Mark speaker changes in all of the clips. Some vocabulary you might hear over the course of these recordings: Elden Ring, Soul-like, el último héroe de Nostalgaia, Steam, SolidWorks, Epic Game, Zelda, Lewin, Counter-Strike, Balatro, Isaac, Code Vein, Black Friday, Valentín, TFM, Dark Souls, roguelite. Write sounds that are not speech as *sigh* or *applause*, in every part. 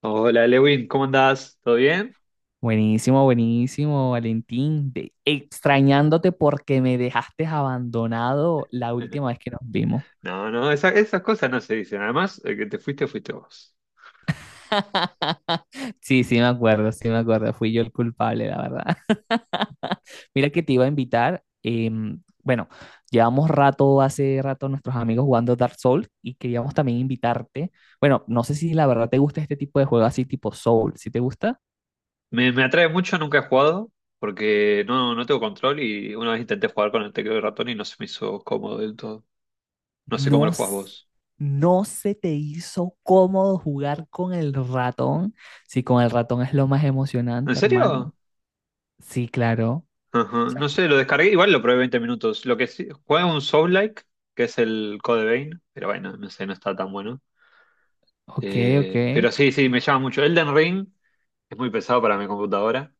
Speaker 1: Hola Lewin, ¿cómo andás? ¿Todo bien?
Speaker 2: Buenísimo, buenísimo, Valentín. Extrañándote porque me dejaste abandonado la
Speaker 1: *laughs*
Speaker 2: última vez que nos vimos.
Speaker 1: No, no, esa- esas cosas no se dicen. Además, el que te fuiste, fuiste vos.
Speaker 2: *laughs* Sí, me acuerdo, sí, me acuerdo. Fui yo el culpable, la verdad. *laughs* Mira que te iba a invitar. Bueno, hace rato, nuestros amigos jugando Dark Souls y queríamos también invitarte. Bueno, no sé si la verdad te gusta este tipo de juego así tipo Soul. ¿Si te gusta?
Speaker 1: Me atrae mucho, nunca he jugado, porque no tengo control y una vez intenté jugar con el teclado y ratón y no se me hizo cómodo del todo. No sé cómo lo
Speaker 2: No,
Speaker 1: jugás
Speaker 2: s-
Speaker 1: vos.
Speaker 2: no se te hizo cómodo jugar con el ratón. Sí, con el ratón es lo más
Speaker 1: ¿En
Speaker 2: emocionante, hermano.
Speaker 1: serio?
Speaker 2: Sí, claro. O
Speaker 1: Ajá,
Speaker 2: sea,
Speaker 1: no sé, lo descargué, igual lo probé 20 minutos. Lo que sí, juega un Soul-like, que es el Code Vein, pero bueno, no sé, no está tan bueno.
Speaker 2: ok, ok.
Speaker 1: Pero sí, sí, me llama mucho. Elden Ring es muy pesado para mi computadora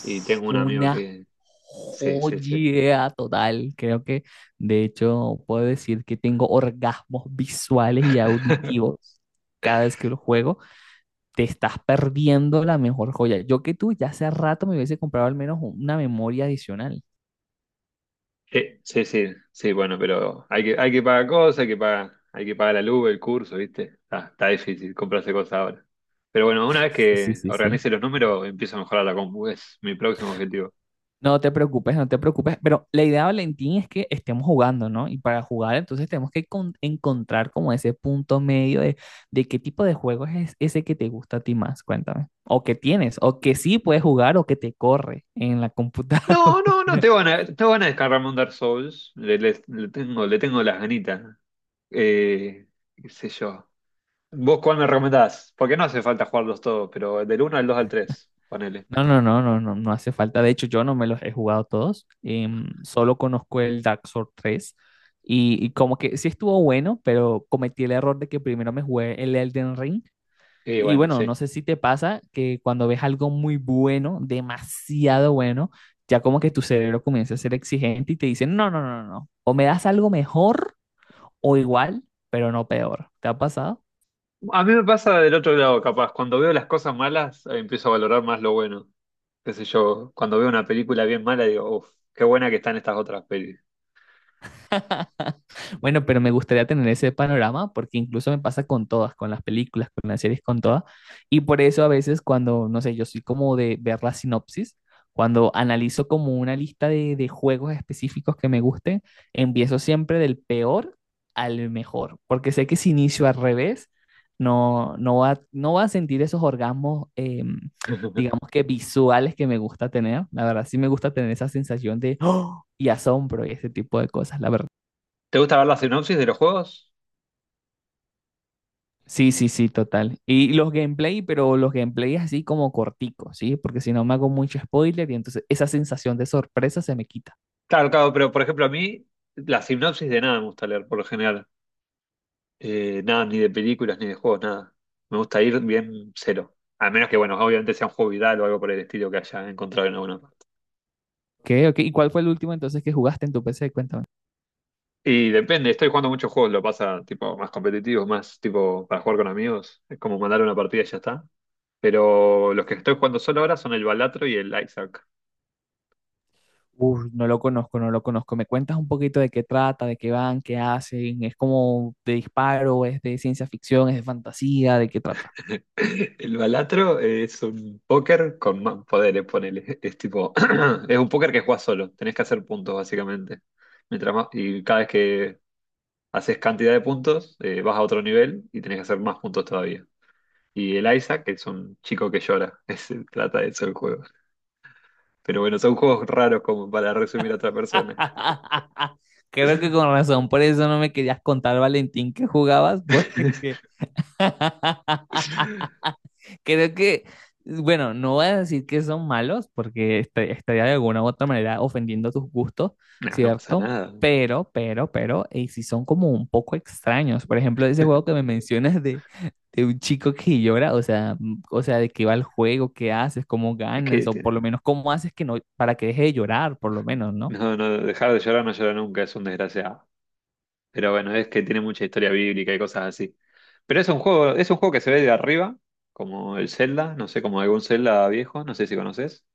Speaker 1: y tengo un amigo
Speaker 2: una
Speaker 1: que Sí, sí, sí.
Speaker 2: joya total. Creo que, de hecho, puedo decir que tengo orgasmos visuales y
Speaker 1: *laughs*
Speaker 2: auditivos cada vez que lo juego. Te estás perdiendo la mejor joya. Yo que tú ya hace rato me hubiese comprado al menos una memoria adicional.
Speaker 1: Sí, sí, sí, bueno, pero hay que pagar cosas, hay que pagar la luz, el curso, ¿viste? Está difícil comprarse cosas ahora. Pero bueno, una vez
Speaker 2: Sí, sí,
Speaker 1: que
Speaker 2: sí, sí.
Speaker 1: organice los números, empiezo a mejorar la compu, es mi próximo objetivo.
Speaker 2: No te preocupes, no te preocupes. Pero la idea, Valentín, es que estemos jugando, ¿no? Y para jugar, entonces tenemos que encontrar como ese punto medio de qué tipo de juego es ese que te gusta a ti más. Cuéntame. O que tienes, o que sí puedes jugar, o que te corre en la computadora.
Speaker 1: No, no, no,
Speaker 2: *laughs*
Speaker 1: te van a descargarme un Dark Souls, le, le tengo las ganitas. Eh, Qué sé yo. ¿Vos cuál me recomendás? Porque no hace falta jugarlos todos, pero del uno al 2 al 3 ponele.
Speaker 2: No, no, no, no, no, no hace falta. De hecho, yo no me los he jugado todos. Solo conozco el Dark Souls tres. Y como que sí estuvo bueno, pero cometí el error de que primero me jugué el Elden Ring.
Speaker 1: Y
Speaker 2: Y
Speaker 1: bueno,
Speaker 2: bueno, no
Speaker 1: sí.
Speaker 2: sé si te pasa que cuando ves algo muy bueno, demasiado bueno, ya como que tu cerebro comienza a ser exigente y te dice, no, no, no, no, no, o me das algo mejor o igual, pero no peor. ¿Te ha pasado?
Speaker 1: A mí me pasa del otro lado, capaz. Cuando veo las cosas malas, empiezo a valorar más lo bueno. Qué sé yo, cuando veo una película bien mala, digo, uff, qué buena que están estas otras pelis.
Speaker 2: Bueno, pero me gustaría tener ese panorama porque incluso me pasa con todas, con las películas, con las series, con todas. Y por eso a veces cuando, no sé, yo soy como de ver la sinopsis, cuando analizo como una lista de juegos específicos que me gusten, empiezo siempre del peor al mejor, porque sé que si inicio al revés, no, no va a sentir esos orgasmos,
Speaker 1: *laughs*
Speaker 2: digamos que visuales que me gusta tener. La verdad, sí me gusta tener esa sensación de *gasps* ¡oh! Y asombro y ese tipo de cosas, la verdad.
Speaker 1: ¿Te gusta ver la sinopsis de los juegos?
Speaker 2: Sí, sí, sí, total. Y los gameplay, pero los gameplays así como corticos, ¿sí? Porque si no me hago mucho spoiler y entonces esa sensación de sorpresa se me quita.
Speaker 1: Claro, claro, pero por ejemplo a mí, la sinopsis de nada me gusta leer, por lo general. Nada, ni de películas, ni de juegos, nada. Me gusta ir bien cero. A menos que, bueno, obviamente sea un juego viral o algo por el estilo que haya encontrado en alguna
Speaker 2: Ok, ok. ¿Y cuál fue el último entonces que jugaste en tu PC? Cuéntame.
Speaker 1: Y depende, estoy jugando muchos juegos, lo pasa tipo más competitivos, más tipo para jugar con amigos, es como mandar una partida y ya está. Pero los que estoy jugando solo ahora son el Balatro y el Isaac.
Speaker 2: Uf, no lo conozco, no lo conozco. ¿Me cuentas un poquito de qué trata, de qué van, qué hacen? ¿Es como de disparo, es de ciencia ficción, es de fantasía, de qué trata?
Speaker 1: *laughs* El Balatro es un póker con más poderes, ponele. Es tipo, *clears throat* es un póker que juegas solo, tenés que hacer puntos básicamente. Mientras más, y cada vez que haces cantidad de puntos, vas a otro nivel y tenés que hacer más puntos todavía. Y el Isaac es un chico que llora, *laughs* es- trata de eso el juego. Pero bueno, son juegos raros como para resumir a otra persona.
Speaker 2: *laughs* Creo que con razón, por eso no me querías contar, Valentín, que jugabas, porque...
Speaker 1: *laughs*
Speaker 2: *laughs* Creo que, bueno, no voy a decir que son malos, porque estaría de alguna u otra manera ofendiendo tus gustos,
Speaker 1: No, no pasa
Speaker 2: ¿cierto?
Speaker 1: nada.
Speaker 2: Pero, y si son como un poco extraños. Por ejemplo, ese juego que
Speaker 1: *laughs*
Speaker 2: me mencionas de un chico que llora, o sea, o sea, de qué va el juego, qué haces, cómo
Speaker 1: Es que
Speaker 2: ganas, o
Speaker 1: te-
Speaker 2: por lo menos cómo haces que no, para que deje de llorar, por lo menos, ¿no?
Speaker 1: no, no, dejar de llorar no llora nunca, es un desgraciado. Pero bueno, es que tiene mucha historia bíblica y cosas así. Pero es un juego que se ve de arriba, como el Zelda, no sé, como algún Zelda viejo, no sé si conoces.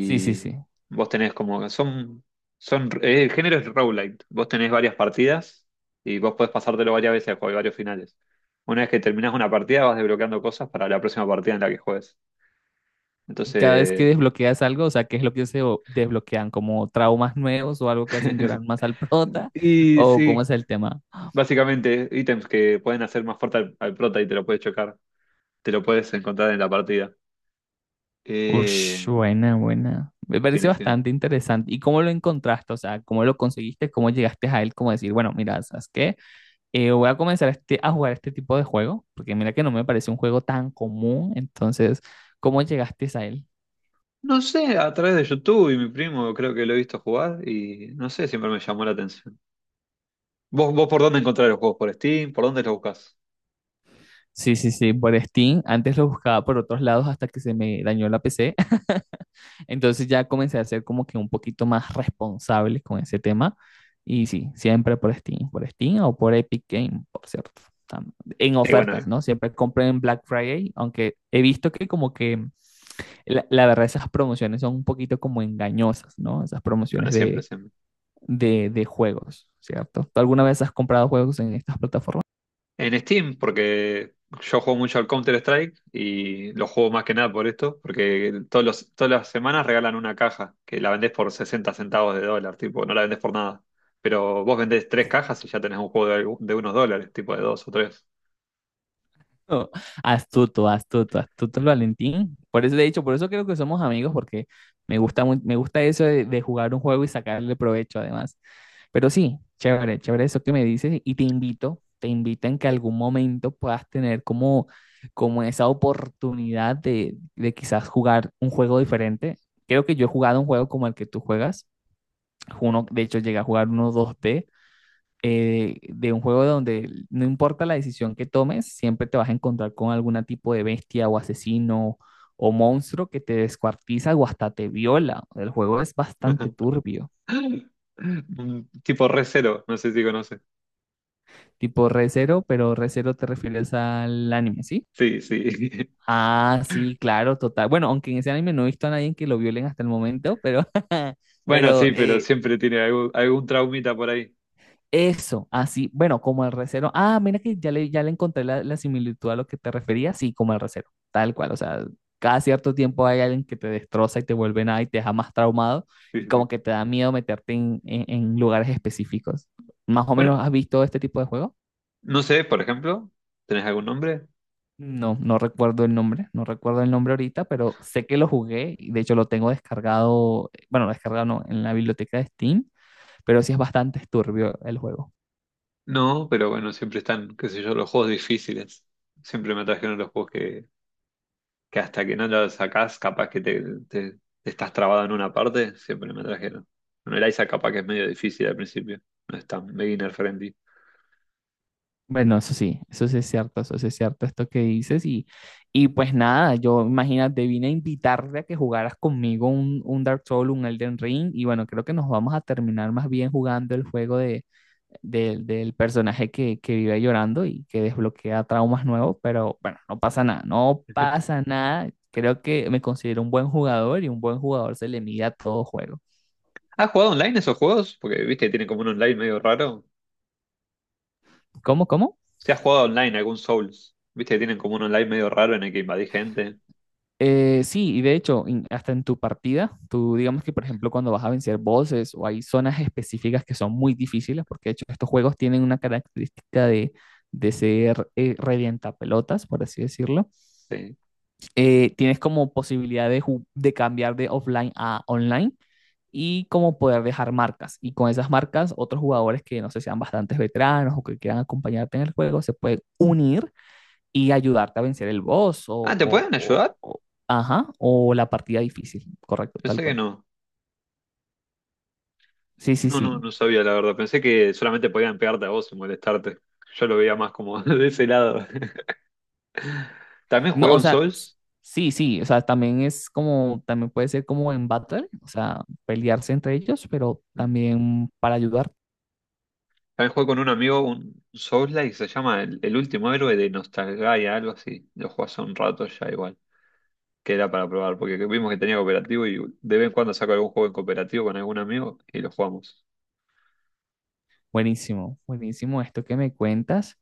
Speaker 2: Sí, sí, sí.
Speaker 1: vos tenés como, son, el género es roguelite. Vos tenés varias partidas y vos podés pasártelo varias veces porque hay varios finales. Una vez que terminás una partida vas desbloqueando cosas para la próxima partida en la que juegues.
Speaker 2: Y cada vez que
Speaker 1: Entonces,
Speaker 2: desbloqueas algo, o sea, ¿qué es lo que se desbloquean? ¿Como traumas nuevos o algo que hacen llorar
Speaker 1: *laughs*
Speaker 2: más al prota?
Speaker 1: y
Speaker 2: ¿O cómo
Speaker 1: sí,
Speaker 2: es el tema?
Speaker 1: básicamente ítems que pueden hacer más fuerte al, al prota y te lo puedes chocar, te lo puedes encontrar en la partida.
Speaker 2: Ush,
Speaker 1: Eh,
Speaker 2: buena, buena. Me parece
Speaker 1: Tiene final.
Speaker 2: bastante interesante. ¿Y cómo lo encontraste? O sea, ¿cómo lo conseguiste? ¿Cómo llegaste a él? Como decir, bueno, mira, ¿sabes qué? Voy a comenzar este, a jugar este tipo de juego, porque mira que no me parece un juego tan común. Entonces, ¿cómo llegaste a él?
Speaker 1: No sé, a través de YouTube y mi primo creo que lo he visto jugar y no sé, siempre me llamó la atención. ¿Vos por dónde encontrás los juegos? ¿Por Steam? ¿Por dónde los buscas?
Speaker 2: Sí, sí, sí, por Steam. Antes lo buscaba por otros lados hasta que se me dañó la PC. Entonces ya comencé a ser como que un poquito más responsable con ese tema. Y sí, siempre por Steam o por Epic Game, por cierto. tam- En
Speaker 1: Sí, bueno,
Speaker 2: ofertas, ¿no? Siempre compren en Black Friday, aunque he visto que como que la verdad esas promociones son un poquito como engañosas, ¿no? Esas promociones
Speaker 1: bueno, siempre, siempre.
Speaker 2: de juegos, ¿cierto? ¿Tú alguna vez has comprado juegos en estas plataformas?
Speaker 1: En Steam, porque yo juego mucho al Counter-Strike y lo juego más que nada por esto, porque todas las semanas regalan una caja que la vendés por 60 centavos de dólar, tipo, no la vendés por nada. Pero vos vendés tres cajas y ya tenés un juego de, algu- de unos dólares, tipo de dos o tres.
Speaker 2: No, astuto, astuto, astuto el Valentín. Por eso, de hecho, por eso creo que somos amigos, porque me gusta, me gusta eso de jugar un juego y sacarle provecho además. Pero sí, chévere, chévere eso que me dices y te invito en que algún momento puedas tener como, como esa oportunidad de quizás jugar un juego diferente. Creo que yo he jugado un juego como el que tú juegas. Uno, de hecho, llegué a jugar uno dos d de un juego donde no importa la decisión que tomes, siempre te vas a encontrar con algún tipo de bestia o asesino o monstruo que te descuartiza o hasta te viola. El juego es bastante
Speaker 1: *laughs*
Speaker 2: turbio,
Speaker 1: Un tipo re cero, no sé si conoces.
Speaker 2: tipo Recero, pero Recero te refieres al anime, ¿sí?
Speaker 1: Sí, sí. *laughs*
Speaker 2: Ah, sí, claro, total. Bueno, aunque en ese anime no he visto a nadie que lo violen hasta el momento, pero, *laughs*
Speaker 1: Bueno,
Speaker 2: pero
Speaker 1: sí, pero siempre tiene algún, algún traumita por ahí.
Speaker 2: eso, así, bueno, como el recero. Ah, mira que ya le encontré la, la similitud a lo que te refería, sí, como el recero, tal cual, o sea, cada cierto tiempo hay alguien que te destroza y te vuelve nada y te deja más traumado
Speaker 1: Sí,
Speaker 2: y
Speaker 1: sí,
Speaker 2: como
Speaker 1: sí.
Speaker 2: que te da miedo meterte en, en lugares específicos. ¿Más o
Speaker 1: Bueno,
Speaker 2: menos has visto este tipo de juego?
Speaker 1: no sé, por ejemplo, ¿tenés algún nombre?
Speaker 2: No, no recuerdo el nombre, no recuerdo el nombre ahorita, pero sé que lo jugué y de hecho lo tengo descargado, bueno, descargado no, en la biblioteca de Steam, pero sí es bastante turbio el juego.
Speaker 1: No, pero bueno, siempre están, qué sé yo, los juegos difíciles. Siempre me atrajeron los juegos que hasta que no los sacás, capaz que te, te- te estás trabado en una parte, siempre me atrajeron. Bueno, el ISA capaz que es medio difícil al principio, no es tan beginner friendly.
Speaker 2: Bueno, eso sí es cierto, eso sí es cierto, esto que dices. Y pues nada, yo imagínate, vine a invitarte a que jugaras conmigo un Dark Souls, un Elden Ring. Y bueno, creo que nos vamos a terminar más bien jugando el juego de, del personaje que vive llorando y que desbloquea traumas nuevos. Pero bueno, no pasa nada, no pasa nada. Creo que me considero un buen jugador y un buen jugador se le mide a todo juego.
Speaker 1: ¿Has jugado online esos juegos? Porque viste que tienen como un online medio raro.
Speaker 2: ¿Cómo, cómo?
Speaker 1: Si has jugado online algún Souls, viste que tienen como un online medio raro en el que invadís gente.
Speaker 2: Sí, y de hecho, hasta en tu partida, tú digamos que, por ejemplo, cuando vas a vencer bosses o hay zonas específicas que son muy difíciles, porque de hecho estos juegos tienen una característica de ser revientapelotas, por así decirlo,
Speaker 1: Sí.
Speaker 2: tienes como posibilidad de, de cambiar de offline a online y como poder dejar marcas. Y con esas marcas, otros jugadores que no sé, sean bastantes veteranos o que quieran acompañarte en el juego, se pueden unir y ayudarte a vencer el boss o,
Speaker 1: Ah, ¿te
Speaker 2: o-
Speaker 1: pueden
Speaker 2: o-
Speaker 1: ayudar?
Speaker 2: o- ajá, o la partida difícil, correcto, tal
Speaker 1: Pensé que
Speaker 2: cual.
Speaker 1: no.
Speaker 2: Sí, sí,
Speaker 1: No, no,
Speaker 2: sí.
Speaker 1: no sabía, la verdad. Pensé que solamente podían pegarte a vos y molestarte. Yo lo veía más como *laughs* de ese lado. *laughs* También
Speaker 2: No,
Speaker 1: jugué
Speaker 2: o
Speaker 1: un
Speaker 2: sea,
Speaker 1: Souls.
Speaker 2: sí, sí, o sea, también es como, también puede ser como en battle, o sea, pelearse entre ellos, pero también para ayudar.
Speaker 1: También jugué con un amigo un Souls-like, se llama el último héroe de Nostalgaia, algo así. Lo jugué hace un rato ya igual. Que era para probar, porque vimos que tenía cooperativo y de vez en cuando saco algún juego en cooperativo con algún amigo y lo jugamos.
Speaker 2: Buenísimo, buenísimo esto que me cuentas.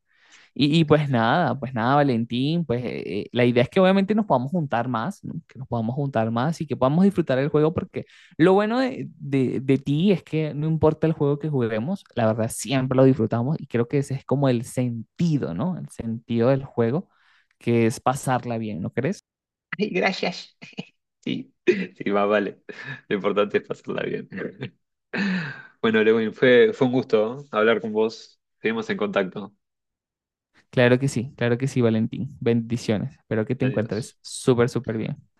Speaker 2: Y pues nada, Valentín, pues la idea es que obviamente nos podamos juntar más, ¿no? Que nos podamos juntar más y que podamos disfrutar el juego porque lo bueno de, de ti es que no importa el juego que juguemos, la verdad siempre lo disfrutamos y creo que ese es como el sentido, ¿no? El sentido del juego, que es pasarla bien, ¿no crees?
Speaker 1: *laughs* Ay, gracias. Sí, *laughs* sí, más vale. Lo importante es pasarla bien. *laughs* Bueno, Lewin, fue un gusto, ¿eh? Hablar con vos. Seguimos en contacto.
Speaker 2: Claro que sí, Valentín. Bendiciones. Espero que te
Speaker 1: Adiós.
Speaker 2: encuentres súper, súper bien.